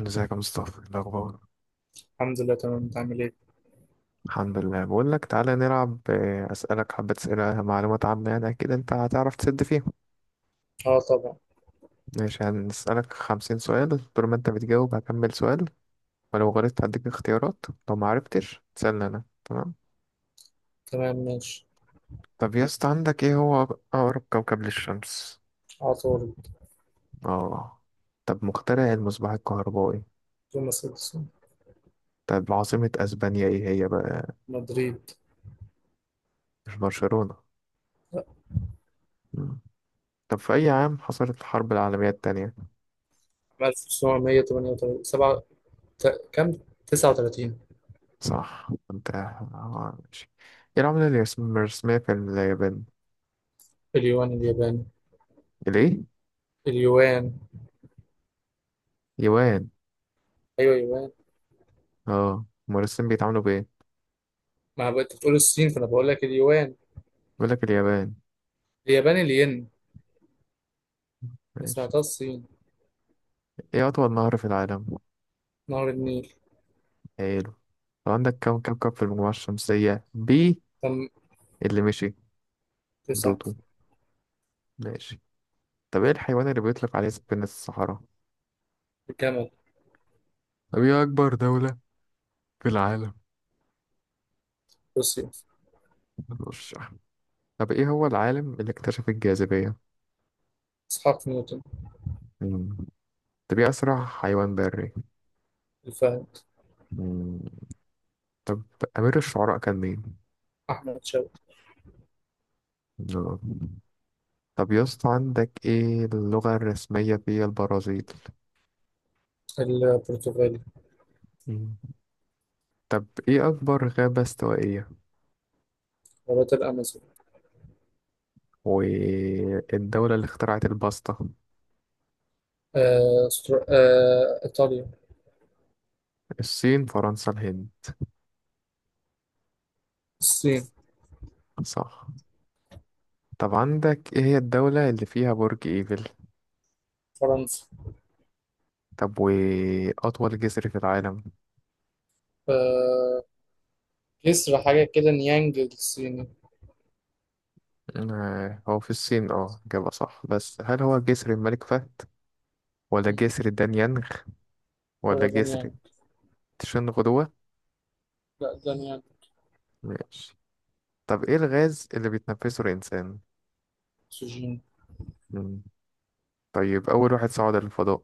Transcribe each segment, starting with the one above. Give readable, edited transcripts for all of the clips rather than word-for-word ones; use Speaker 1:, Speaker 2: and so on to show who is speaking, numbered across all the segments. Speaker 1: ازيك يا مصطفى، إيه الاخبار؟
Speaker 2: الحمد لله، تمام. انت عامل ايه؟
Speaker 1: الحمد لله. بقول لك تعالى نلعب، اسالك حبه اسئله، معلومات عامه، يعني اكيد انت هتعرف تسد فيهم.
Speaker 2: اه، طبعا.
Speaker 1: ماشي، هنسالك 50 سؤال. طول ما انت بتجاوب هكمل سؤال. ولو غلطت هديك اختيارات. لو ما عرفتش تسالني انا. تمام؟
Speaker 2: تمام، ماشي.
Speaker 1: طب يا اسطى، عندك، ايه هو اقرب كوكب للشمس؟
Speaker 2: عطارد.
Speaker 1: اه. طب مخترع المصباح الكهربائي؟
Speaker 2: توماس اديسون.
Speaker 1: طب عاصمه اسبانيا ايه هي بقى؟
Speaker 2: مدريد.
Speaker 1: مش برشلونه؟ مم. طب في اي عام حصلت الحرب العالميه التانية؟
Speaker 2: 1938 سبعة، كم، 39.
Speaker 1: صح، انت ماشي. ايه العملة اللي مرسومية في اليابان؟
Speaker 2: اليوان الياباني.
Speaker 1: الايه؟
Speaker 2: اليوان.
Speaker 1: يوان.
Speaker 2: ايوه، يوان.
Speaker 1: اه. المرسم بيتعاملوا بايه؟
Speaker 2: ما بقى انت بتقول الصين، فانا بقول لك اليوان.
Speaker 1: بيقول لك اليابان.
Speaker 2: الياباني، الين. ما
Speaker 1: ماشي.
Speaker 2: سمعتها الصين.
Speaker 1: ايه اطول نهر في العالم؟
Speaker 2: نهر النيل.
Speaker 1: حلو. طب عندك، كم كوكب في المجموعة الشمسية بي؟
Speaker 2: تم
Speaker 1: اللي مشي.
Speaker 2: تسعة.
Speaker 1: بلوتو. ماشي. طب ايه الحيوان اللي بيطلق عليه سفينة الصحراء؟
Speaker 2: الجمل.
Speaker 1: طب ايه اكبر دولة في العالم؟
Speaker 2: روسيا.
Speaker 1: مش. طب ايه هو العالم اللي اكتشف الجاذبية؟
Speaker 2: اسحاق نيوتن.
Speaker 1: مم. طب ايه اسرع حيوان بري؟
Speaker 2: الفهد.
Speaker 1: مم. طب امير الشعراء كان مين؟
Speaker 2: احمد شوقي.
Speaker 1: لا. طب يا اسطى، عندك، ايه اللغة الرسمية في البرازيل؟
Speaker 2: البرتغالي.
Speaker 1: مم. طب ايه أكبر غابة استوائية؟
Speaker 2: غابات الامازون.
Speaker 1: والدولة اللي اخترعت الباستا؟
Speaker 2: ايطاليا.
Speaker 1: الصين، فرنسا، الهند؟
Speaker 2: الصين،
Speaker 1: صح. طب عندك، ايه هي الدولة اللي فيها برج ايفل؟
Speaker 2: فرنسا.
Speaker 1: طب وأطول جسر في العالم؟
Speaker 2: آه، جسر حاجة كده نيانج الصيني.
Speaker 1: هو في الصين، إجابة صح. بس هل هو جسر الملك فهد، ولا
Speaker 2: مم.
Speaker 1: جسر دانيانغ، ولا
Speaker 2: هو ده
Speaker 1: جسر
Speaker 2: نيانج.
Speaker 1: تشنغدوا؟
Speaker 2: لا، ده نيانج.
Speaker 1: ماشي. طب ايه الغاز اللي بيتنفسه الإنسان؟
Speaker 2: سجين.
Speaker 1: مم. طيب أول واحد صعد للفضاء؟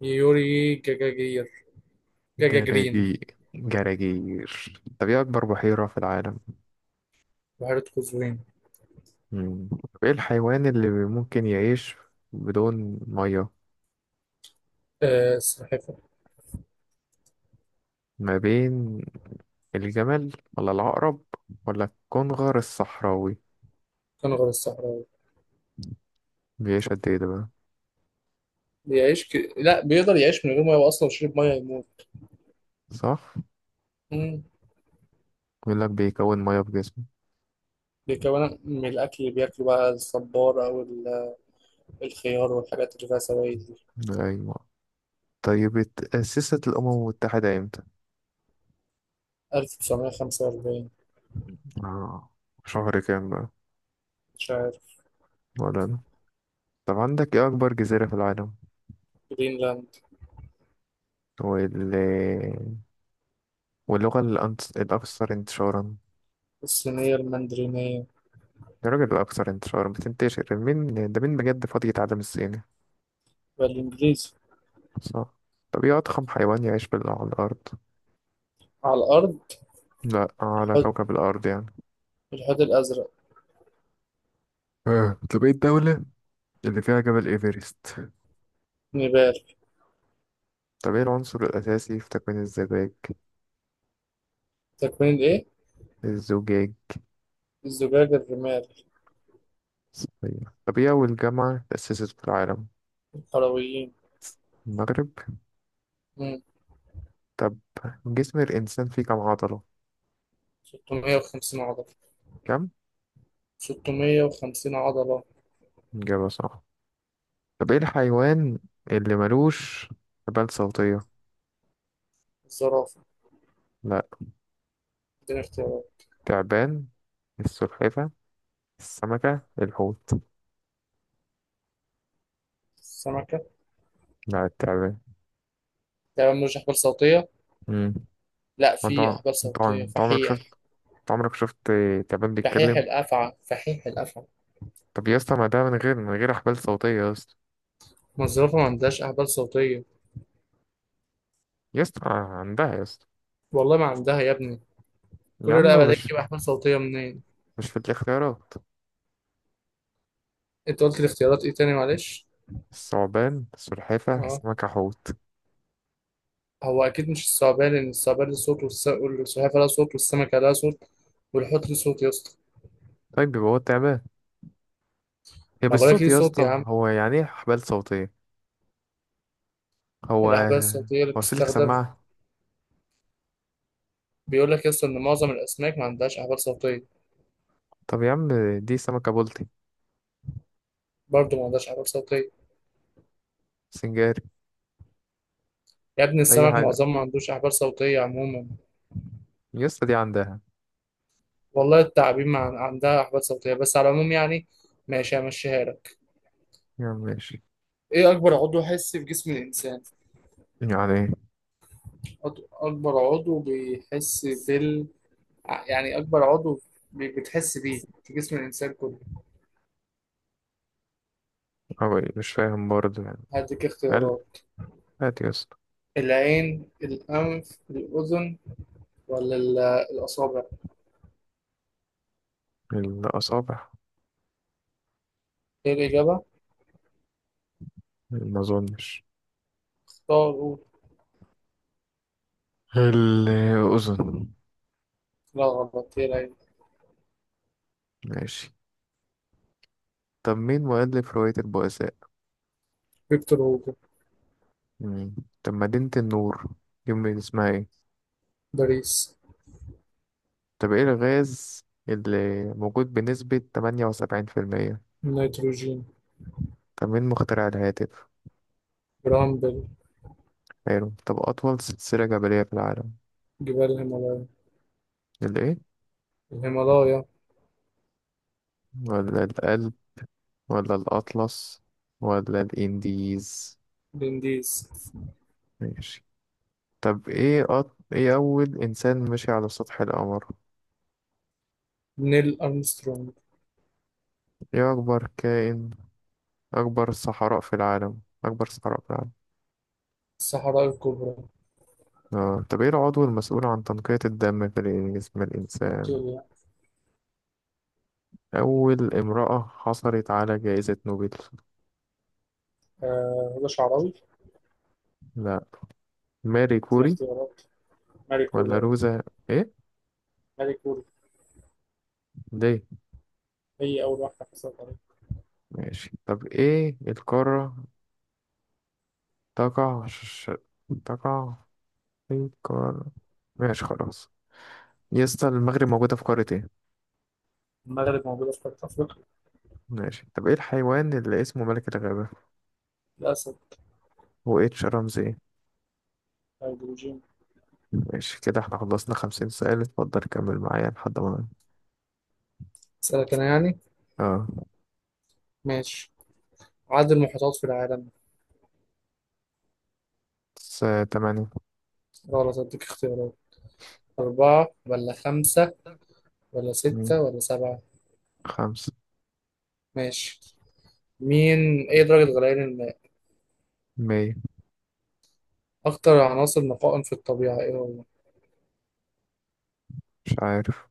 Speaker 2: يوري جاجاجير. جاجاجرين.
Speaker 1: جراجي؟ جراجير. طب إيه أكبر بحيرة في العالم؟
Speaker 2: بحيرة قزوين.
Speaker 1: مم. طب إيه الحيوان اللي ممكن يعيش بدون مية؟
Speaker 2: السلحفة.
Speaker 1: ما بين الجمل، ولا العقرب، ولا الكنغر الصحراوي؟
Speaker 2: كنغر الصحراوي.
Speaker 1: بيعيش قد إيه ده بقى؟
Speaker 2: لا، بيقدر يعيش من غير مية، وأصلا لو شرب مية يموت.
Speaker 1: صح؟
Speaker 2: مم.
Speaker 1: بيقول لك بيكون مية في جسمه.
Speaker 2: بيكون من الأكل اللي بياكله بقى الصبار الخيار والحاجات اللي فيها سوائل دي.
Speaker 1: أيوة. طيب اتأسست الأمم المتحدة إمتى؟
Speaker 2: 1945.
Speaker 1: آه. شهر كام بقى؟
Speaker 2: مش عارف.
Speaker 1: ولا أنا؟ طب عندك، إيه أكبر جزيرة في العالم؟
Speaker 2: جرينلاند.
Speaker 1: وال... واللغة الأكثر انتشارا؟
Speaker 2: الصينية المندرينية.
Speaker 1: الراجل الأكثر انتشارا، بتنتشر مين يعني؟ ده مين بجد فاضي يتعلم الصيني؟
Speaker 2: والإنجليزي.
Speaker 1: صح. طب ايه أضخم حيوان يعيش على الأرض؟
Speaker 2: على الأرض.
Speaker 1: لا، على
Speaker 2: الحوت.
Speaker 1: كوكب الأرض يعني.
Speaker 2: الحوت الأزرق.
Speaker 1: اه. طب ايه الدولة اللي فيها جبل ايفرست؟
Speaker 2: نيبال.
Speaker 1: طب ايه العنصر الأساسي في تكوين الزجاج؟
Speaker 2: تكوين الإيه؟
Speaker 1: الزجاج.
Speaker 2: الزجاج، الرمال.
Speaker 1: صحيح. طب ايه أول جامعة تأسست في العالم؟
Speaker 2: الحلويين.
Speaker 1: المغرب.
Speaker 2: مم.
Speaker 1: طب، جسم الإنسان فيه كم عضلة؟
Speaker 2: 650 عضلة.
Speaker 1: كم؟
Speaker 2: 650 عضلة.
Speaker 1: إجابة صح. طب ايه الحيوان اللي ملوش حبال صوتية؟
Speaker 2: الزرافة.
Speaker 1: لا.
Speaker 2: اديني اختيارات.
Speaker 1: تعبان، السلحفة، السمكة، الحوت.
Speaker 2: السمكة.
Speaker 1: لا التعبان.
Speaker 2: تمام، مش أحبال صوتية.
Speaker 1: امم.
Speaker 2: لا،
Speaker 1: انت
Speaker 2: في أحبال
Speaker 1: انت
Speaker 2: صوتية،
Speaker 1: انت عمرك
Speaker 2: فحيح.
Speaker 1: شفت، انت عمرك شفت تعبان
Speaker 2: فحيح
Speaker 1: بيتكلم؟
Speaker 2: الأفعى، فحيح الأفعى.
Speaker 1: طب يا اسطى، ما ده من غير حبال صوتية يا اسطى.
Speaker 2: ما الزرافة ما عندهاش أحبال صوتية.
Speaker 1: يا اسطى، عندها يا اسطى.
Speaker 2: والله ما عندها يا ابني.
Speaker 1: يا
Speaker 2: كل
Speaker 1: عم
Speaker 2: رقبة دي
Speaker 1: مش.
Speaker 2: تجيب أحبال صوتية منين؟
Speaker 1: مش في الاختيارات.
Speaker 2: أنت قلت الاختيارات إيه تاني، معلش؟
Speaker 1: الثعبان، السلحفة،
Speaker 2: آه.
Speaker 1: السمكة، حوت.
Speaker 2: هو أكيد مش الثعبان، لأن الثعبان له صوت، والسلحفاة لها صوت، والسمكة لها صوت، والحوت ليه صوت يا اسطى.
Speaker 1: طيب، يبقى هو التعبان. هي
Speaker 2: ما بقولك
Speaker 1: بالصوت
Speaker 2: ليه
Speaker 1: يا
Speaker 2: صوت يا
Speaker 1: اسطى.
Speaker 2: عم.
Speaker 1: هو يعني ايه حبال صوتية؟ هو
Speaker 2: الأحبال الصوتية اللي
Speaker 1: هو سلك
Speaker 2: بتستخدم.
Speaker 1: سماعة؟
Speaker 2: بيقول لك يا اسطى إن معظم الأسماك ما عندهاش أحبال صوتية.
Speaker 1: طب يا عم، دي سمكة بلطي.
Speaker 2: برضه ما عندهاش أحبال صوتية.
Speaker 1: سنجاري.
Speaker 2: يا ابني،
Speaker 1: أي
Speaker 2: السمك
Speaker 1: حاجة.
Speaker 2: معظمها ما عندوش أحبال صوتية عموما.
Speaker 1: يسطا دي عندها.
Speaker 2: والله التعابين ما عن- عندها أحبال صوتية، بس على العموم يعني. ماشي، همشيها لك.
Speaker 1: يا عم ماشي.
Speaker 2: إيه أكبر عضو حسي في جسم الإنسان؟
Speaker 1: يعني إيه؟
Speaker 2: أكبر عضو بيحس بال يعني أكبر عضو بتحس بيه في جسم الإنسان كله.
Speaker 1: أو إيه؟ مش فاهم برضه يعني.
Speaker 2: هديك
Speaker 1: قال.
Speaker 2: اختيارات.
Speaker 1: هات يسطا.
Speaker 2: العين، الأنف، الأذن، ولا ال- الأصابع.
Speaker 1: الأصابع.
Speaker 2: إيه الإجابة؟
Speaker 1: ما أظنش.
Speaker 2: اختاروا.
Speaker 1: الأذن.
Speaker 2: لا غلط، هي العين.
Speaker 1: ماشي. طب مين مؤلف رواية البؤساء؟
Speaker 2: فيكتور هوجو.
Speaker 1: مم. طب مدينة النور دي اسمها ايه؟
Speaker 2: باريس.
Speaker 1: طب ايه الغاز اللي موجود بنسبة 78%؟
Speaker 2: النيتروجين.
Speaker 1: طب مين مخترع الهاتف؟
Speaker 2: برامبل.
Speaker 1: حلو. طب أطول سلسلة جبلية في العالم؟
Speaker 2: جبال الهيمالايا.
Speaker 1: الإيه؟
Speaker 2: الهيمالايا.
Speaker 1: ولا الأقل، ولا الأطلس، ولا الإنديز؟
Speaker 2: الانديز.
Speaker 1: ماشي. طب إيه أول إنسان مشي على سطح القمر؟
Speaker 2: نيل أرمسترونج.
Speaker 1: إيه أكبر كائن أكبر صحراء في العالم؟ أكبر صحراء في العالم.
Speaker 2: الصحراء الكبرى.
Speaker 1: آه. طب إيه العضو المسؤول عن تنقية الدم في جسم الإنسان؟
Speaker 2: فيكتوريا.
Speaker 1: أول امرأة حصلت على جائزة نوبل؟
Speaker 2: هدى شعراوي.
Speaker 1: لا. ماري
Speaker 2: دي
Speaker 1: كوري،
Speaker 2: اختيارات. ماري
Speaker 1: ولا
Speaker 2: كوريا.
Speaker 1: روزا؟ إيه؟
Speaker 2: ماري كوري.
Speaker 1: ليه؟
Speaker 2: هي أول واحدة حصلت عليها.
Speaker 1: ماشي. طب إيه القارة تقع ش... تقع في القارة. ماشي خلاص. يا اسطى، المغرب موجودة في قارة ايه؟
Speaker 2: المغرب موجودة في قارة أفريقيا.
Speaker 1: ماشي. طب ايه الحيوان اللي اسمه ملك الغابة؟
Speaker 2: الأسد.
Speaker 1: هو اتش رمزي ايه؟
Speaker 2: هيدروجين.
Speaker 1: ماشي كده، احنا خلصنا 50 سؤال. اتفضل، كمل معايا لحد ما.
Speaker 2: أسألك أنا يعني.
Speaker 1: اه.
Speaker 2: ماشي. عدد المحيطات في العالم.
Speaker 1: س- 8.
Speaker 2: غلط، أديك اختيارات. أربعة ولا خمسة ولا
Speaker 1: مم.
Speaker 2: ستة ولا سبعة.
Speaker 1: 5.
Speaker 2: ماشي. إيه درجة غليان الماء؟
Speaker 1: 100.
Speaker 2: أكتر عناصر نقاء في الطبيعة إيه هو؟
Speaker 1: مش عارف.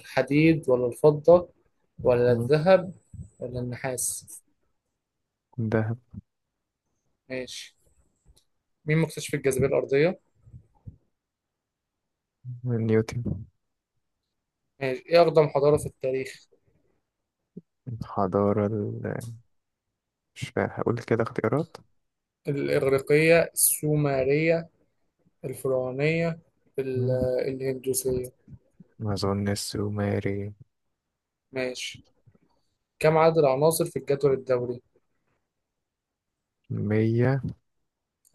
Speaker 2: الحديد ولا الفضة ولا
Speaker 1: مم.
Speaker 2: الذهب ولا النحاس.
Speaker 1: دهب.
Speaker 2: ماشي. مين مكتشف الجاذبية الأرضية؟
Speaker 1: نيوتن.
Speaker 2: ماشي. إيه أقدم حضارة في التاريخ؟
Speaker 1: الحضارة مش فا- هقول كده اختيارات.
Speaker 2: الإغريقية، السومرية، الفرعونية، ال-
Speaker 1: مم.
Speaker 2: الهندوسية.
Speaker 1: ما أظن السومري.
Speaker 2: ماشي. كم عدد العناصر في الجدول الدوري؟
Speaker 1: 100.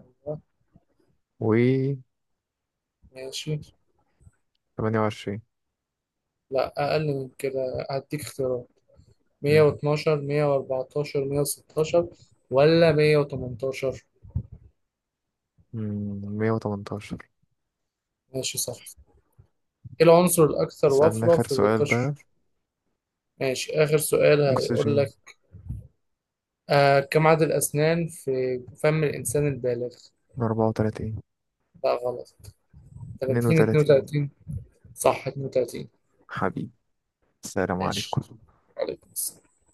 Speaker 2: أيوة.
Speaker 1: و
Speaker 2: ماشي.
Speaker 1: 28.
Speaker 2: لا، أقل من كده، هديك اختيارات. 112، 114، 116، ولا 118.
Speaker 1: 118.
Speaker 2: ماشي، صح. إيه العنصر الأكثر
Speaker 1: سألنا
Speaker 2: وفرة
Speaker 1: آخر
Speaker 2: في
Speaker 1: سؤال
Speaker 2: القشر؟
Speaker 1: بقى.
Speaker 2: ماشي، آخر سؤال هيقول
Speaker 1: أكسجين.
Speaker 2: لك. آه، كم عدد الأسنان في فم الإنسان البالغ؟
Speaker 1: من 34.
Speaker 2: لا غلط. 30،
Speaker 1: 32.
Speaker 2: 32. صح، 32.
Speaker 1: حبيبي. السلام
Speaker 2: ماشي.
Speaker 1: عليكم.
Speaker 2: عليكم السلام.